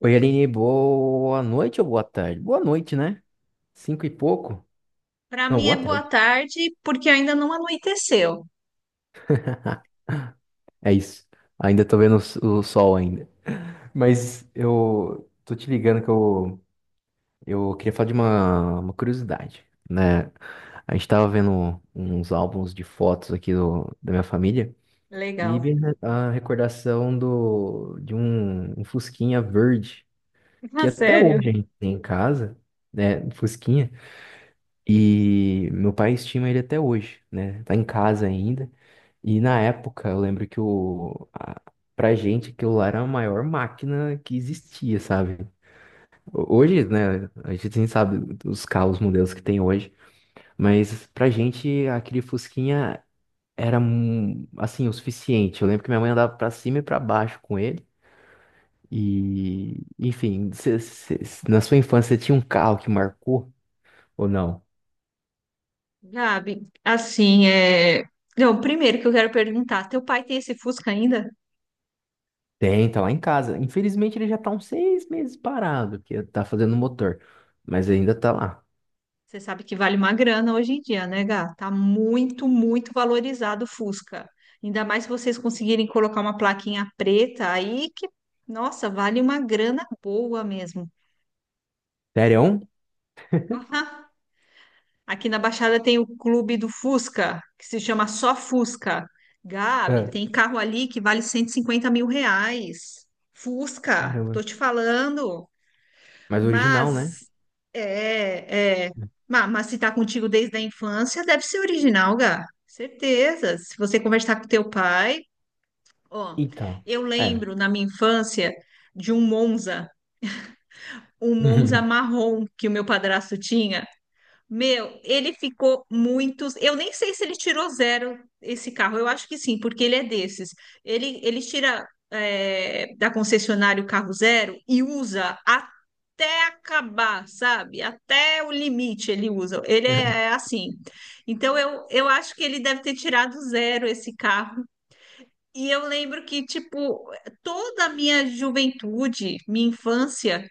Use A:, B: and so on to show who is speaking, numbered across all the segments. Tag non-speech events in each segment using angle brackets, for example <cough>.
A: Oi, Aline, boa noite ou boa tarde? Boa noite, né? Cinco e pouco?
B: Para
A: Não,
B: mim
A: boa
B: é boa
A: tarde.
B: tarde, porque ainda não anoiteceu.
A: É isso. Ainda tô vendo o sol ainda. Mas eu tô te ligando que eu queria falar de uma curiosidade, né? A gente tava vendo uns álbuns de fotos aqui da minha família e vi
B: Legal.
A: a recordação de um fusquinha verde, que
B: Ah,
A: até
B: sério.
A: hoje a gente tem em casa, né? Um Fusquinha. E meu pai estima ele até hoje, né? Tá em casa ainda. E na época, eu lembro pra gente, aquilo lá era a maior máquina que existia, sabe? Hoje, né? A gente nem sabe os carros, modelos que tem hoje. Mas pra gente, aquele Fusquinha era, assim, o suficiente. Eu lembro que minha mãe andava pra cima e pra baixo com ele. E, enfim, na sua infância, você tinha um carro que marcou ou não?
B: Gabi, assim, Não, primeiro que eu quero perguntar, teu pai tem esse Fusca ainda?
A: Tem, tá lá em casa. Infelizmente ele já tá uns seis meses parado, que é, tá fazendo motor. Mas ainda tá lá.
B: Você sabe que vale uma grana hoje em dia, né, Gá? Tá muito, muito valorizado o Fusca. Ainda mais se vocês conseguirem colocar uma plaquinha preta aí, que, nossa, vale uma grana boa mesmo.
A: Sério?
B: Aham. Aqui na Baixada tem o clube do Fusca, que se chama só Fusca. Gabi,
A: É.
B: tem carro ali que vale 150.000 reais. Fusca,
A: Caramba.
B: tô te falando.
A: Mas original, né?
B: Mas, é, é, mas, se tá contigo desde a infância, deve ser original, Gá. Certeza. Se você conversar com teu pai, ó,
A: Então.
B: eu
A: É.
B: lembro na minha infância de um Monza
A: Uhum.
B: marrom que o meu padrasto tinha. Meu, ele ficou muitos. Eu nem sei se ele tirou zero esse carro. Eu acho que sim, porque ele é desses. Ele tira da concessionária o carro zero e usa até acabar, sabe? Até o limite ele usa. Ele é assim. Então eu acho que ele deve ter tirado zero esse carro. E eu lembro que, tipo, toda a minha juventude, minha infância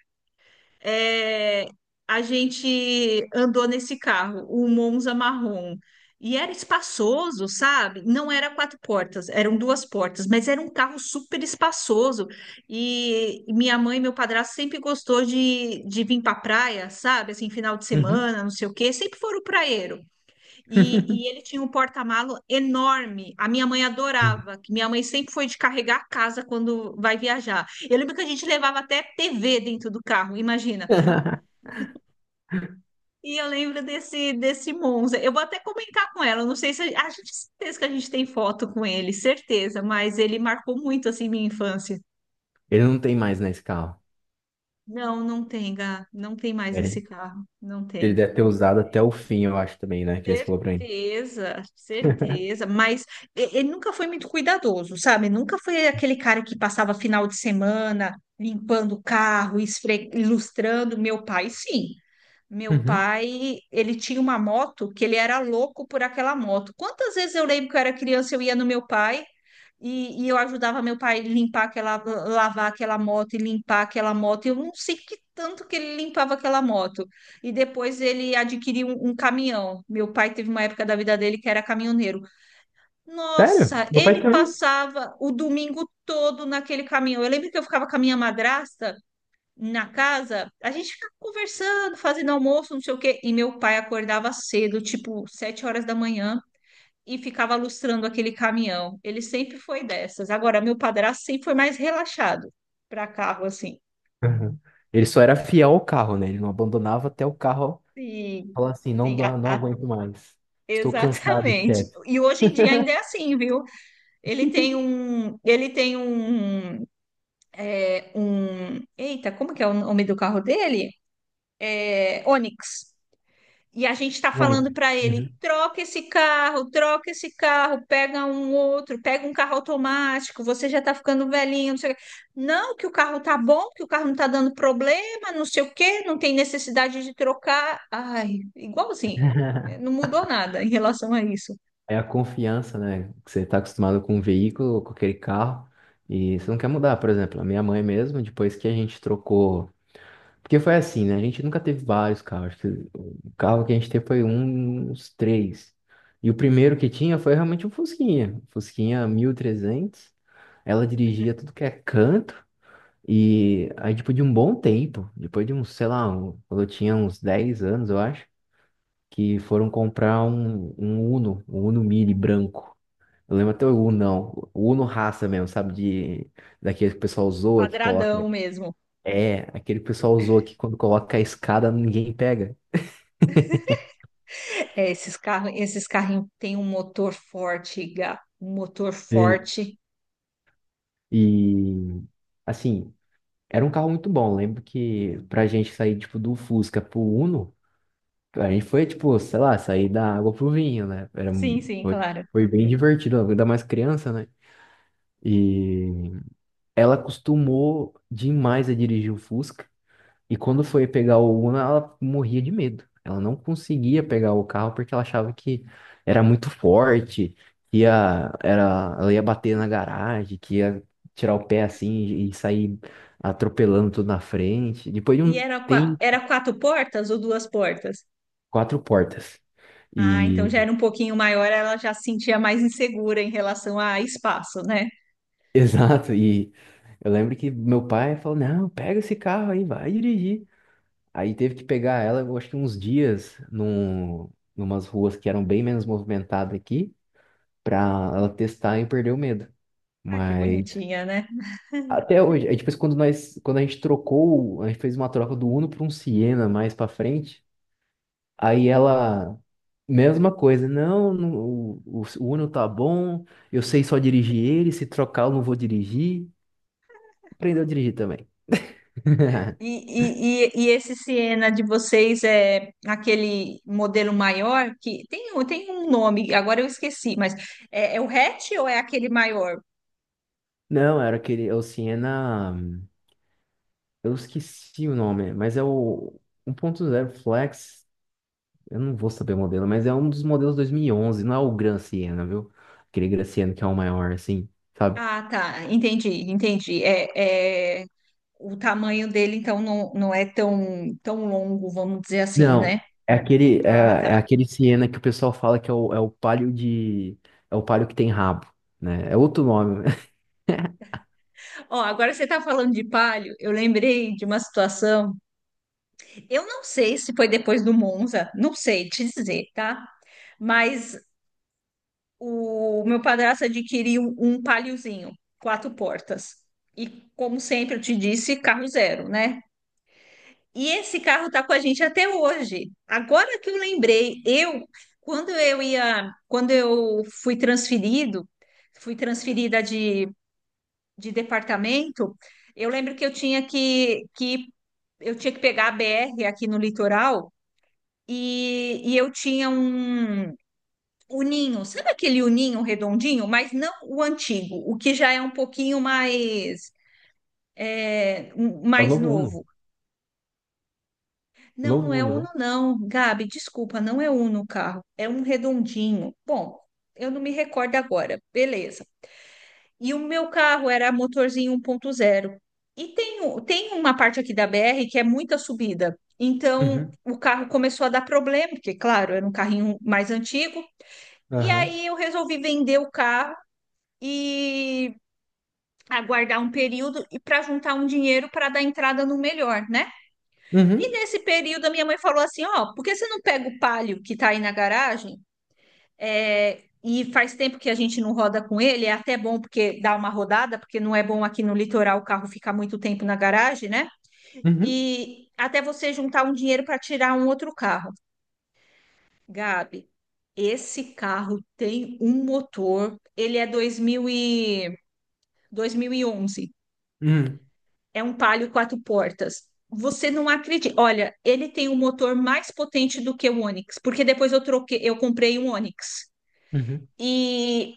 B: é, a gente andou nesse carro, o Monza marrom. E era espaçoso, sabe? Não era quatro portas, eram duas portas, mas era um carro super espaçoso. E minha mãe e meu padrasto sempre gostou de vir para praia, sabe? Assim, final de
A: Uhum.
B: semana, não sei o quê, sempre foram praieiro. E ele tinha um porta-malo enorme. A minha mãe adorava, que
A: <laughs>
B: minha mãe sempre foi de carregar a casa quando vai viajar. Eu lembro que a gente levava até TV dentro do carro, imagina. E eu lembro desse Monza. Eu vou até comentar com ela. Eu Não sei se a, a gente, certeza que a gente tem foto com ele, certeza, mas ele marcou muito assim minha infância.
A: Ele não tem mais nesse carro.
B: Não, não tem, Gá, não tem mais esse
A: Ele,
B: carro, não
A: ele
B: tem.
A: deve ter usado até o fim, eu acho também, né? Que ele falou pra mim.
B: Certeza, certeza, mas ele nunca foi muito cuidadoso, sabe? Nunca foi aquele cara que passava final de semana limpando o carro, ilustrando. Meu pai, sim. Meu
A: Uhum.
B: pai, ele tinha uma moto que ele era louco por aquela moto. Quantas vezes eu lembro que eu era criança, eu ia no meu pai e eu ajudava meu pai limpar lavar aquela moto e limpar aquela moto. Eu não sei que tanto que ele limpava aquela moto. E depois ele adquiriu um caminhão. Meu pai teve uma época da vida dele que era caminhoneiro.
A: Sério?
B: Nossa,
A: Meu pai
B: ele
A: também.
B: passava o domingo todo naquele caminhão. Eu lembro que eu ficava com a minha madrasta na casa, a gente ficava conversando, fazendo almoço, não sei o quê, e meu pai acordava cedo, tipo 7h da manhã, e ficava lustrando aquele caminhão. Ele sempre foi dessas. Agora, meu padrasto sempre foi mais relaxado para carro, assim.
A: Uhum. Ele só era fiel ao carro, né? Ele não abandonava até o carro
B: Sim,
A: falar assim, não,
B: sim,
A: não aguento mais. Estou cansado,
B: exatamente.
A: chefe.
B: E hoje em dia ainda é assim, viu? Ele tem um, ele tem um, eita, como que é o nome do carro dele? É, Onix. E a gente está falando
A: Única.
B: para ele:
A: Uhum.
B: troca esse carro, pega um outro, pega um carro automático, você já está ficando velhinho, não sei o quê. Não, que o carro tá bom, que o carro não está dando problema, não sei o quê, não tem necessidade de trocar. Ai, igualzinho, não
A: <laughs>
B: mudou nada em relação a isso.
A: É a confiança, né? Que você está acostumado com um veículo, com aquele carro, e você não quer mudar. Por exemplo, a minha mãe mesmo, depois que a gente trocou. Porque foi assim, né? A gente nunca teve vários carros. Acho que o carro que a gente teve foi uns três. E o primeiro que tinha foi realmente um Fusquinha. Fusquinha 1300. Ela dirigia tudo que é canto. E aí, depois de um bom tempo, depois de uns, sei lá, quando eu tinha uns 10 anos, eu acho que foram comprar um Uno, um Uno Mini branco. Eu lembro até o Uno, não. O Uno raça mesmo, sabe? Daquele que o pessoal zoa que coloca.
B: Quadradão mesmo.
A: É, aquele que o pessoal zoa que quando coloca a escada ninguém pega.
B: É, esses carros, esses carrinhos têm um motor forte, Gá, um motor
A: Sim.
B: forte.
A: E, assim, era um carro muito bom. Eu lembro que pra gente sair, tipo, do Fusca pro Uno, a gente foi, tipo, sei lá, sair da água pro vinho, né?
B: Sim, sim,
A: Foi,
B: claro.
A: foi bem divertido, ainda mais criança, né? E ela acostumou demais a dirigir o Fusca. E quando foi pegar o Uno, ela morria de medo. Ela não conseguia pegar o carro porque ela achava que era muito forte, ela ia bater na garagem, que ia tirar o pé assim e sair atropelando tudo na frente. Depois de
B: E
A: um
B: era, qua-
A: tem
B: era quatro portas ou duas portas?
A: quatro portas.
B: Ah, então
A: E
B: já era um pouquinho maior, ela já se sentia mais insegura em relação a espaço, né?
A: <laughs> exato, e eu lembro que meu pai falou: "Não, pega esse carro aí, vai dirigir". Aí teve que pegar ela, eu acho que uns dias numas ruas que eram bem menos movimentadas aqui, pra ela testar e perder o medo.
B: Ah, que
A: Mas
B: bonitinha, né?
A: até hoje, é tipo assim, quando a gente trocou, a gente fez uma troca do Uno para um Siena mais pra frente, aí ela mesma coisa, não, não, o Uno tá bom, eu sei só dirigir ele, se trocar eu não vou dirigir. Aprendeu a dirigir também. <laughs>
B: E esse Siena de vocês é aquele modelo maior que tem, tem um nome, agora eu esqueci, mas é o hatch ou é aquele maior?
A: Não, era aquele, é o Siena, eu esqueci o nome, mas é o 1.0 Flex. Eu não vou saber o modelo, mas é um dos modelos 2011, não é o Gran Siena, viu? Aquele Gran Siena que é o maior, assim, sabe?
B: Ah, tá, entendi, entendi. O tamanho dele, então, não, não é tão, tão longo, vamos dizer assim, né?
A: Não, é aquele, é,
B: Ah,
A: é
B: tá.
A: aquele Siena que o pessoal fala que é o Palio de... É o Palio que tem rabo, né? É outro nome. <laughs>
B: Ó, agora você tá falando de palio, eu lembrei de uma situação. Eu não sei se foi depois do Monza, não sei te dizer, tá? Mas o meu padrasto adquiriu um Paliozinho, quatro portas. E como sempre eu te disse, carro zero, né? E esse carro tá com a gente até hoje. Agora que eu lembrei, eu quando eu ia, quando eu fui transferido, fui transferida de departamento, eu lembro que eu tinha que eu tinha que pegar a BR aqui no litoral. E eu tinha um uninho, sabe aquele uninho redondinho, mas não o antigo, o que já é um pouquinho mais é, um-
A: É o
B: mais
A: novo Uno.
B: novo.
A: O
B: Não,
A: novo
B: não é
A: Uno,
B: Uno,
A: né?
B: não, Gabi, desculpa, não é Uno o carro, é um redondinho. Bom, eu não me recordo agora, beleza. E o meu carro era motorzinho 1.0. E tem, tem uma parte aqui da BR que é muita subida. Então,
A: Uhum.
B: o carro começou a dar problema, porque, claro, era um carrinho mais antigo. E
A: Aham.
B: aí eu resolvi vender o carro e aguardar um período e para juntar um dinheiro para dar entrada no melhor, né? E
A: Uhum.
B: nesse período a minha mãe falou assim, ó, por que você não pega o Palio que tá aí na garagem? É, e faz tempo que a gente não roda com ele, é até bom porque dá uma rodada, porque não é bom aqui no litoral o carro ficar muito tempo na garagem, né?
A: Uhum.
B: E até você juntar um dinheiro para tirar um outro carro. Gabi, esse carro tem um motor, ele é 2000 e 2011.
A: Uhum.
B: É um Palio quatro portas. Você não acredita. Olha, ele tem um motor mais potente do que o Onix, porque depois eu troquei, eu comprei um Onix.
A: Uhum.
B: E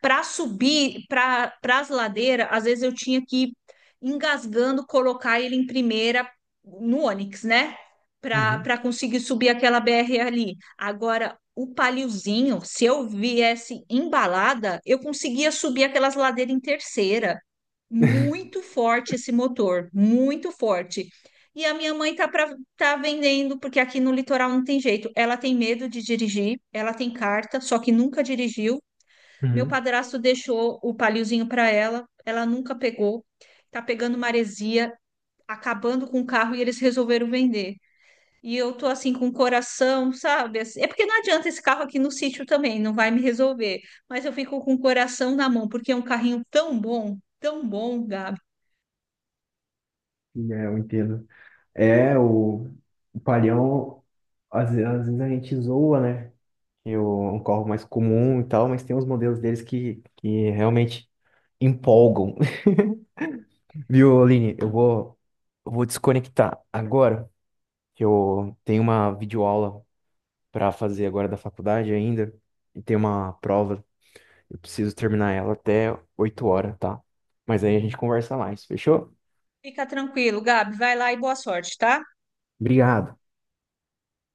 B: para subir para as ladeiras, às vezes eu tinha que ir engasgando, colocar ele em primeira no Onix, né?
A: Uhum.
B: Para conseguir subir aquela BR ali. Agora, o paliozinho, se eu viesse embalada, eu conseguia subir aquelas ladeiras em terceira.
A: <laughs>
B: Muito forte esse motor, muito forte. E a minha mãe tá para tá vendendo, porque aqui no litoral não tem jeito. Ela tem medo de dirigir, ela tem carta, só que nunca dirigiu. Meu
A: Uhum.
B: padrasto deixou o paliozinho para ela, ela nunca pegou. Tá pegando maresia, acabando com o carro e eles resolveram vender. E eu tô assim com o coração, sabe? Assim, é porque não adianta esse carro aqui no sítio também, não vai me resolver. Mas eu fico com o coração na mão, porque é um carrinho tão bom, Gabi.
A: É, eu entendo. É, o palhão, às vezes a gente zoa, né? Um carro mais comum e tal, mas tem uns modelos deles que realmente empolgam. <laughs> Viu, Aline? Eu vou desconectar agora, que eu tenho uma videoaula para fazer agora da faculdade ainda, e tem uma prova, eu preciso terminar ela até 8 horas, tá? Mas aí a gente conversa mais, fechou?
B: Fica tranquilo, Gabi. Vai lá e boa sorte, tá?
A: Obrigado.